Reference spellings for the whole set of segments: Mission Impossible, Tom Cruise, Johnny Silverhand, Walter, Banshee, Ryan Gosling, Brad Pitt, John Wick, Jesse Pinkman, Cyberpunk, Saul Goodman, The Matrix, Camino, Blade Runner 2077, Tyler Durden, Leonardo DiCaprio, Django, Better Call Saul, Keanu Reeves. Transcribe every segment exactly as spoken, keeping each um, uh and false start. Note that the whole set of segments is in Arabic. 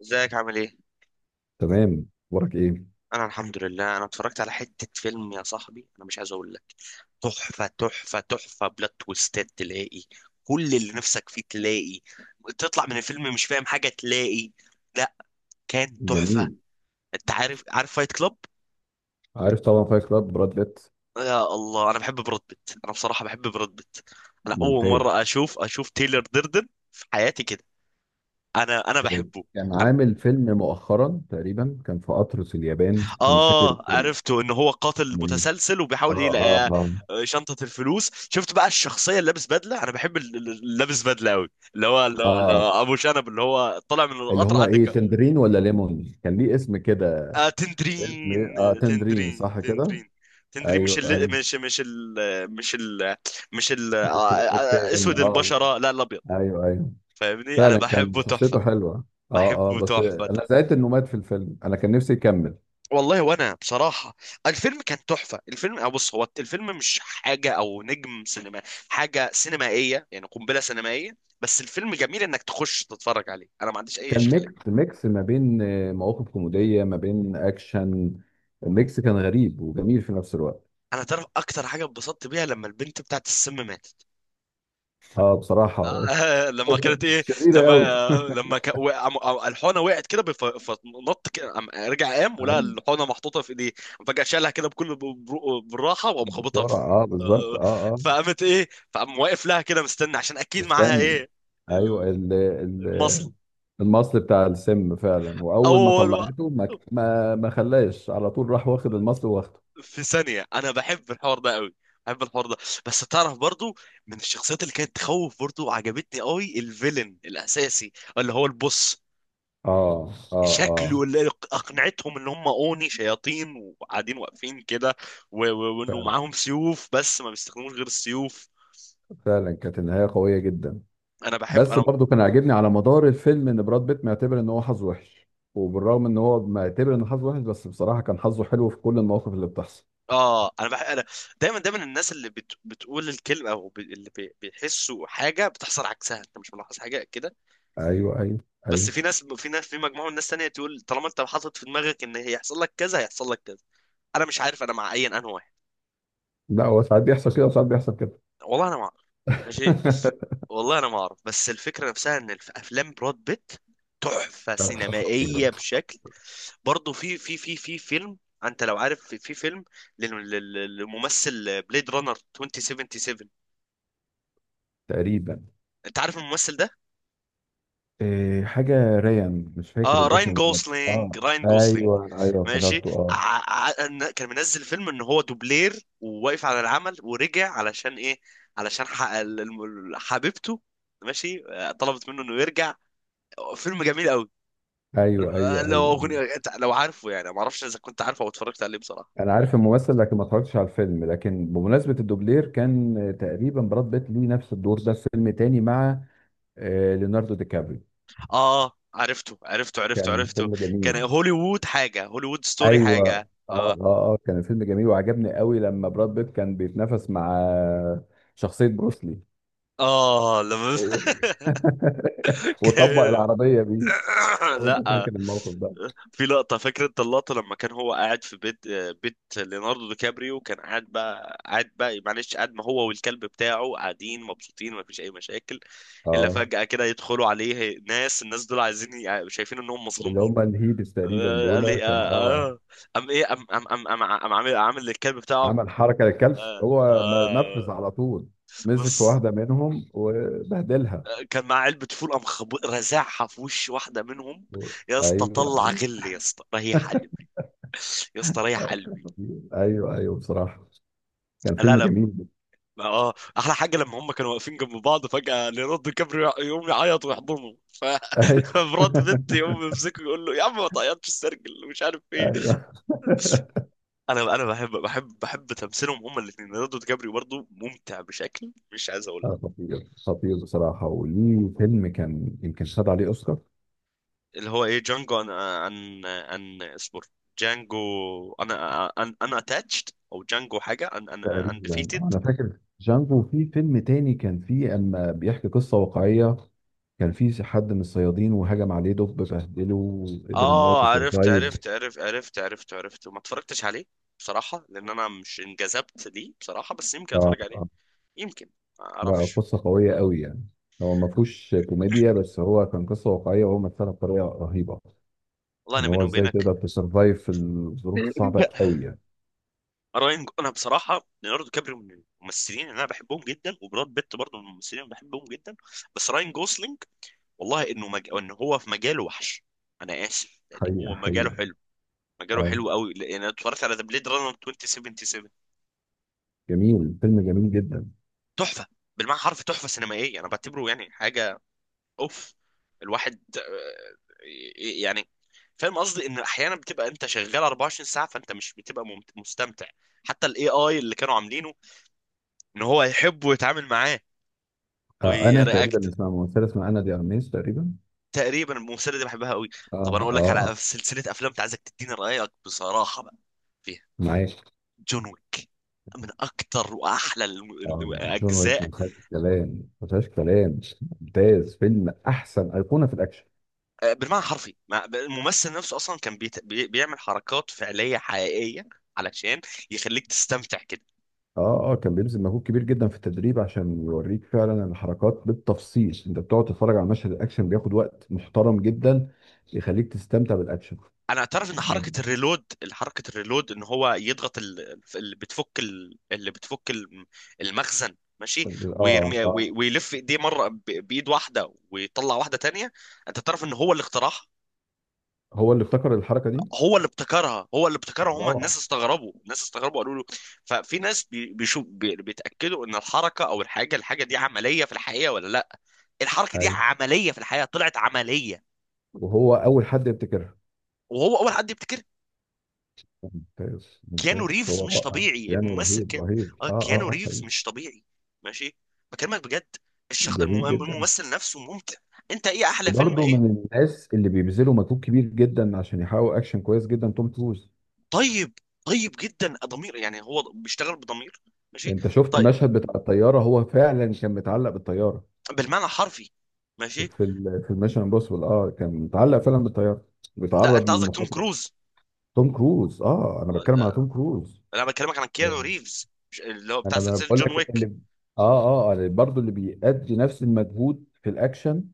ازيك عامل ايه؟ تمام. اخبارك ايه؟ انا الحمد لله، انا اتفرجت على حتة فيلم يا صاحبي، انا مش عايز اقول لك، تحفة تحفة تحفة، بلوت تويستات تلاقي، كل اللي نفسك فيه تلاقي، تطلع من الفيلم مش فاهم حاجة تلاقي. لا، كان تحفة. جميل. انت عارف عارف فايت كلاب؟ عارف طبعا، فايت كلاب، براد بيت. يا الله، انا بحب براد بيت انا بصراحة بحب براد بيت. انا اول ممتاز. مرة اشوف اشوف تايلر ديردن في حياتي كده. انا انا بحبه. كان عامل فيلم مؤخرا، تقريبا كان في قطر اليابان، انا مش فاكر اه، الفيلم. عرفته ان هو قاتل اسمه ايه؟ متسلسل وبيحاول اه، اه، يلاقي اه، آه، شنطة الفلوس. شفت بقى الشخصية اللي لابس بدلة، انا بحب ال- ال- اللي لابس بدلة قوي، اللي هو اللي هو- اللي اه، هو ابو شنب، اللي هو طالع من اللي القطر هو ايه، عندك. تندرين ولا ليمون، كان ليه اسم كده. آه، اسم إيه؟ تندرين، اه، تندرين تندرين، صح كده. تندرين، تندرين، مش ايوه، ايوه. ال... مش مش ال... مش ال... مش ال... آه، آه، آه، التاني، اسود اه. البشرة، لا الابيض. ايوه، ايوه. فاهمني، انا فعلا كان بحبه تحفة، شخصيته حلوه. اه، اه، بحبه بس تحفة. انا زعلت انه مات في الفيلم، انا كان نفسي يكمل. والله، وانا بصراحه الفيلم كان تحفه. الفيلم، أو بص، هو الفيلم مش حاجه او نجم سينما، حاجه سينمائيه يعني قنبله سينمائيه، بس الفيلم جميل انك تخش تتفرج عليه، انا ما عنديش اي كان اشكاليه. ميكس ميكس ما بين آه، مواقف كوميدية ما بين أكشن. الميكس كان غريب وجميل في نفس الوقت. انا تعرف اكتر حاجه اتبسطت بيها لما البنت بتاعت السم ماتت. اه، بصراحة. آه، لما كانت ايه، شريرة لما قوي. آه، لما ك... وقع... م- آه، الحونه وقعت كده بف... فنط كده، قام- رجع قام ولقى الحونه محطوطه في ايديه. فجاه شالها كده بكل ب- بر- بالراحه وقام خابطها في بسرعة، اه، بالظبط، آه، اه، اه. فقامت ايه، فقام واقف لها كده مستني، عشان اكيد معاها مستني. ايه، ايوه، ال- ال ال المصل. المصل بتاع السم فعلا، واول ما اول و... طلعته ما ما ما خلاش، على طول راح واخد المصل واخده. في ثانيه، انا بحب الحوار ده قوي، بحب الحوار ده. بس تعرف برضو، من الشخصيات اللي كانت تخوف برضو عجبتني قوي، الفيلن الاساسي اللي هو البوس، اه، اه، شكله اه. اللي اقنعتهم ان هم اوني شياطين وقاعدين واقفين كده، و- و- وانه فعلا. معاهم سيوف، بس ما بيستخدموش غير السيوف. فعلا كانت النهاية قوية جدا. انا بحب بس انا برضو كان عاجبني على مدار الفيلم ان براد بيت معتبر ان هو حظه وحش، وبالرغم ان هو معتبر ان حظه وحش، بس بصراحة كان حظه حلو في كل المواقف اللي بتحصل. اه انا بحب انا دايما دايما، الناس اللي بت... بتقول الكلمه، او ب... اللي بي... بيحسوا حاجه بتحصل عكسها، انت مش ملاحظ حاجه كده؟ ايوه، ايوه، بس في ايوه. ناس، في ناس في مجموعه من الناس تانية تقول طالما انت حاطط في دماغك ان هيحصل لك كذا هيحصل لك كذا. انا مش عارف انا مع اي انهي واحد. لا، هو ساعات بيحصل كده وساعات بيحصل كده. والله انا مع، ماشي، والله انا ما اعرف. بس الفكره نفسها ان الف- افلام براد بيت تحفه كان خطير. سينمائيه بشكل. برضه في في في في فيلم، انت لو عارف، في, في فيلم لل- لل- للممثل، بليد رانر عشرين سبعة وسبعين، تقريبا. انت عارف الممثل ده؟ إيه حاجة ريان، مش فاكر اه، راين الاسم بالظبط، جوسلينج، اه. راين جوسلينج. ايوه، ايوه، ماشي. افتكرته، اه. ع- ع- إن- كان منزل فيلم ان هو دوبلير وواقف على العمل، ورجع علشان ايه؟ علشان ح- ال- الم- حبيبته، ماشي، آه، طلبت منه انه يرجع. فيلم جميل قوي. ايوه، ايوه، لو ايوه، أيوة. اغنيه أنت- لو عارفه يعني، ما اعرفش اذا كنت عارفه او اتفرجت عليه بصراحه. انا عارف الممثل لكن ما اتفرجتش على الفيلم، لكن بمناسبة الدوبلير كان تقريبا براد بيت ليه نفس الدور ده في فيلم تاني مع آه، ليوناردو دي كابري. اه، عرفته عرفته عرفته كان عرفته. فيلم كان جميل. هوليوود حاجه، هوليوود ستوري ايوه، اه. حاجه، اه اه، اه، كان فيلم جميل وعجبني قوي لما براد بيت كان بيتنافس مع شخصية بروسلي. اه، لما أوه. وطبق كان- العربية بيه. لو انت لا، فاكر الموقف ده. في لقطة، فاكر انت اللقطة لما كان هو قاعد في بيت، آه، بيت ليوناردو دي كابريو، كان قاعد بقى، قاعد بقى، معلش، قاعد ما هو والكلب بتاعه قاعدين مبسوطين، ما فيش اي مشاكل. الا اه، فجأة كده يدخلوا عليه ناس، الناس دول عايزين ي- شايفين انهم اللي هم مظلومين. الهيبس تقريبا آه، قال دول لي اه كانوا، اه. اه، قام ايه، قام قام قام قام قام عامل عامل للكلب بتاعه. عمل حركة للكلب، اه هو ما- نفذ اه. على طول. مسك في بص، واحدة منهم وبهدلها. آه، كان معاه علبة فول، قام خبو- رزعها في وش واحدة منهم. و- يا اسطى ايوه، طلع ايوه، غل، يا اسطى ريح قلبي، يا اسطى ريح قلبي. ايوه، ايوه، بصراحة كان لا فيلم لا، جميل. اه، احلى حاجة لما هم كانوا واقفين جنب بعض، فجأة ليوناردو كابريو يقوم يعيط ويحضنه ف... ايوه. فبراد بيت يقوم يمسكه يقول له يا عم ما تعيطش السرجل ومش عارف ايه. ايوه. انا انا بحب بحب بحب تمثيلهم هما الاثنين. ليوناردو دي كابريو برضه ممتع بشكل مش عايز اقول آه، لك. خطير، خطير بصراحة، وليه فيلم كان يمكن خد عليه أوسكار. اللي هو ايه، جانجو، عن عن عن اصبر، جانجو. انا انا انا اتاتشد او جانجو حاجه، ان ان تقريبا. اندفيتد. آه، أنا فاكر جانجو، وفي فيلم تاني كان فيه أما بيحكي قصة واقعية، كان فيه حد من الصيادين وهجم عليه دب بهدله وقدر إن هو اه، عرفت تسرفايف. عرفت عرفت عرفت عرفت عرفت، وما اتفرجتش عليه بصراحه، لان انا مش انجذبت ليه بصراحه، بس يمكن آه. اتفرج عليه، آه. يمكن، ما لا، اعرفش. قصة قوية قوي يعني. هو ما فيهوش كوميديا، بس هو كان قصة واقعية وهو مثلها بطريقة رهيبة. والله إن انا بيني هو إزاي وبينك، تقدر تسرفايف في الظروف الصعبة قوي يعني. راين، انا بصراحه ليوناردو كابريو من الممثلين اللي انا بحبهم جدا، وبراد بيت برضه من الممثلين اللي بحبهم جدا. بس راين جوسلينج، والله انه مج... ان هو في مجاله وحش، انا اسف يعني، حقيقة، هو مجاله حقيقة. حلو، مجاله آه، حلو قوي يعني. انا اتفرجت على ذا بليد رانر عشرين سبعة وسبعين، جميل، فيلم جميل جدا. تحفه، بالمعنى حرف تحفه سينمائيه، انا بعتبره يعني حاجه، اوف. الواحد آه، ي- يعني، فاهم قصدي، ان احيانا بتبقى انت شغال أربعة وعشرين ساعة ساعه فانت مش بتبقى ممت- مستمتع. حتى الاي اي اللي كانوا عاملينه، ان هو يحب ويتعامل معاه آه، انا ورياكت. تقريبا اسمها ممثله، اسمها انا دي ارميس تقريبا. تقريبا الممثله دي بحبها قوي. اه، طب انا اقول اه، لك آه. على سلسله افلام، انت عايزك تديني رايك بصراحه بقى فيها، معاك. جون ويك، من اكتر واحلى الم- اه. جون ويك الاجزاء. ما فيهاش كلام، ما فيهاش كلام. ممتاز، فيلم، احسن ايقونه في الاكشن. آه، بالمعنى الحرفي، مع- الممثل نفسه اصلا كان بيت... بي... بيعمل حركات فعليه حقيقيه علشان يخليك تستمتع كده. اه، اه، كان بيبذل مجهود كبير جدا في التدريب عشان يوريك فعلا الحركات بالتفصيل. انت بتقعد تتفرج على مشهد الاكشن، بياخد وقت محترم جدا، يخليك تستمتع بالاكشن. انا اعترف ان حركه الريلود، حركه الريلود، ان هو يضغط ال- اللي بتفك ال- اللي بتفك الم- المخزن، ماشي، اه، ويرمي وي- اه، ويلف ايديه مره ب- بايد واحده ويطلع واحده تانية. انت تعرف ان هو اللي اخترعها؟ هو اللي ابتكر الحركه دي. هو اللي ابتكرها، هو اللي ابتكرها. هم روعه. الناس استغربوا، الناس استغربوا، قالوا له، ففي ناس بي- بيشوف بي- بيتاكدوا ان الحركه او الحاجه، الحاجه دي عمليه في الحقيقه ولا لا. الحركه دي ايوه، عمليه في الحقيقه، طلعت عمليه، وهو اول حد يبتكرها. وهو اول حد يبتكرها. ممتاز، كيانو ممتاز، ريفز هو مش رائع. طبيعي، كريستيانو الممثل رهيب، كان، رهيب، اه، اه، كيانو اه، اه، ريفز حقيقي. مش طبيعي. ماشي، بكلمك بجد، الشخ... الم... جميل جدا. الممثل نفسه ممتع. انت ايه احلى فيلم وبرضه ايه؟ من الناس اللي بيبذلوا مجهود كبير جدا عشان يحققوا اكشن كويس جدا، توم كروز. طيب، طيب جدا ضمير، يعني هو بيشتغل بضمير، ماشي، انت شفت طيب، المشهد بتاع الطياره، هو فعلا كان متعلق بالطياره. بالمعنى الحرفي، ماشي. في ال- في الميشن امبوسيبل، اه، كان متعلق فعلا بالطياره، لا بيتعرض انت قصدك توم للمخاطره. كروز؟ توم كروز، اه، انا آه، بتكلم على لا، توم كروز. انا بكلمك عن انا كيانو ريفز، مش- اللي هو بتاع انا سلسلة بقول جون لك، اللي ويك. اه، اه، آه، برضه اللي برضو اللي بيأدي نفس المجهود في الاكشن،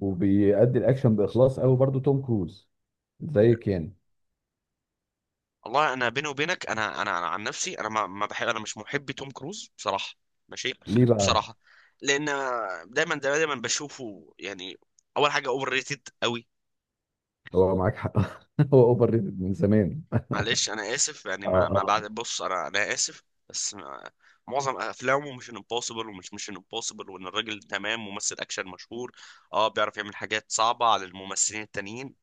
وبيأدي الاكشن باخلاص قوي، برضو توم كروز زي كان. والله انا بيني وبينك، انا انا, أنا عن نفسي، انا ما ما بحب، انا مش محب توم كروز بصراحه، ماشي. ليه بقى؟ بصراحه، لان دايما دايما بشوفه يعني، اول حاجه اوفر ريتد قوي. هو معاك حق. هو اوفر ريتد من زمان. معلش انا اسف يعني، اه، ما ما اه، بعد، بص، انا انا اسف، بس ما- معظم افلامه مش امبوسيبل، ومش مش امبوسيبل، وان الراجل تمام، ممثل اكشن مشهور، اه بيعرف يعمل حاجات صعبه على الممثلين التانيين.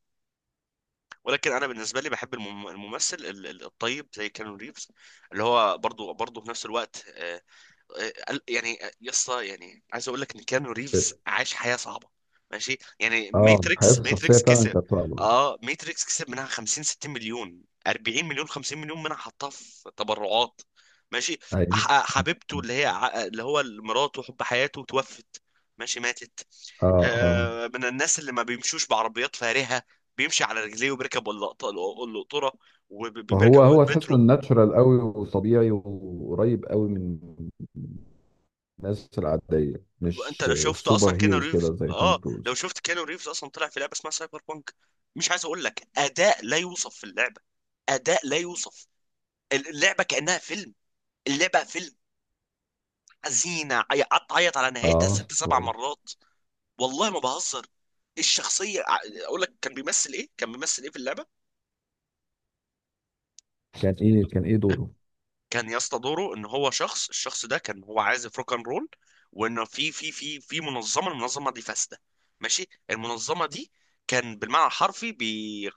ولكن انا بالنسبه لي بحب المم- الممثل ال- ال- الطيب، زي كانون ريفز، اللي هو برضو برضو في نفس الوقت، آه، آه، يعني آه، يا اسطى يعني، عايز اقول لك ان كيانو ريفز عاش حياه صعبه، ماشي يعني. اه. ماتريكس، حياته الشخصيه ماتريكس فعلا كسب، كانت صعبه. اه، ماتريكس كسب منها خمسين ستين مليون، أربعين مليون، خمسين مليون منها حطها في تبرعات، ماشي. أح- ايوه، آه، حبيبته اللي هي ع- آه، اللي هو مراته وحب حياته توفت، ماشي، ماتت. اه، اه. آه، من الناس اللي ما بيمشوش بعربيات فارهة، بيمشي على رجليه وبيركب القط- القطورة وبيركب فهو هو تحسه المترو. ناتشورال قوي وطبيعي وقريب قوي من الناس العاديه، انت مش لو شفت اصلا سوبر كيانو هيرو ريفز، كده زي توم اه لو كروز. شفت كيانو ريفز اصلا، طلع في لعبه اسمها سايبر بانك، مش عايز اقول لك، اداء لا يوصف في اللعبه، اداء لا يوصف، اللعبه كانها فيلم، اللعبه فيلم حزينه، عي- قعدت اعيط على نهايتها اه. ست سبع كويس. مرات، والله ما بهزر. الشخصيه ع- اقول لك كان بيمثل ايه، كان بيمثل ايه في اللعبه. كان ايه، كان ايه دوره؟ كان يا اسطى دوره ان هو شخص، الشخص ده كان هو عازف روك اند رول، وان في في في في منظمه، المنظمه دي فاسده، ماشي، المنظمه دي كان بالمعنى الحرفي بي...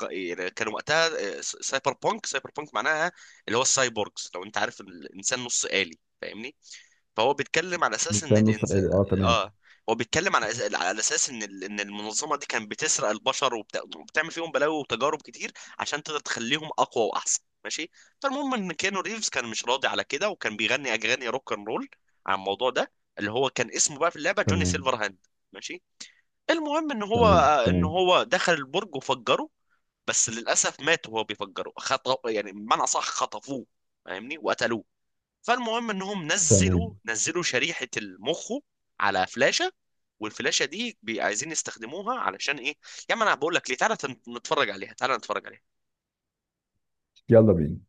كان وقتها آه، س- سايبر بونك، سايبر بونك معناها اللي هو السايبورغز، لو انت عارف إن الانسان نص آلي، فاهمني، فهو بيتكلم على اساس ان مستني، نص الانسان، آلي، اه، تمام. اه، هو بيتكلم على أس- على اساس ان ال- ان المنظمه دي كانت بتسرق البشر وبت... وبتعمل فيهم بلاوي وتجارب كتير، عشان تقدر تخليهم اقوى واحسن، ماشي. فالمهم ان كانو ريفز كان مش راضي على كده، وكان بيغني اغاني روك اند رول عن الموضوع ده، اللي هو كان اسمه بقى في اللعبه جوني تمام، سيلفر هاند، ماشي. المهم ان هو، تمام، ان تمام، هو دخل البرج وفجره، بس للاسف مات وهو بيفجره، خط... يعني بمعنى صح خطفوه، فاهمني، وقتلوه. فالمهم انهم نزلوا، تمام. نزلوا شريحه المخ على فلاشه، والفلاشه دي بي- عايزين يستخدموها علشان ايه، يا عم انا بقول لك ليه، تعالى تن- نتفرج عليها، تعالى نتفرج عليها. يلا بينا.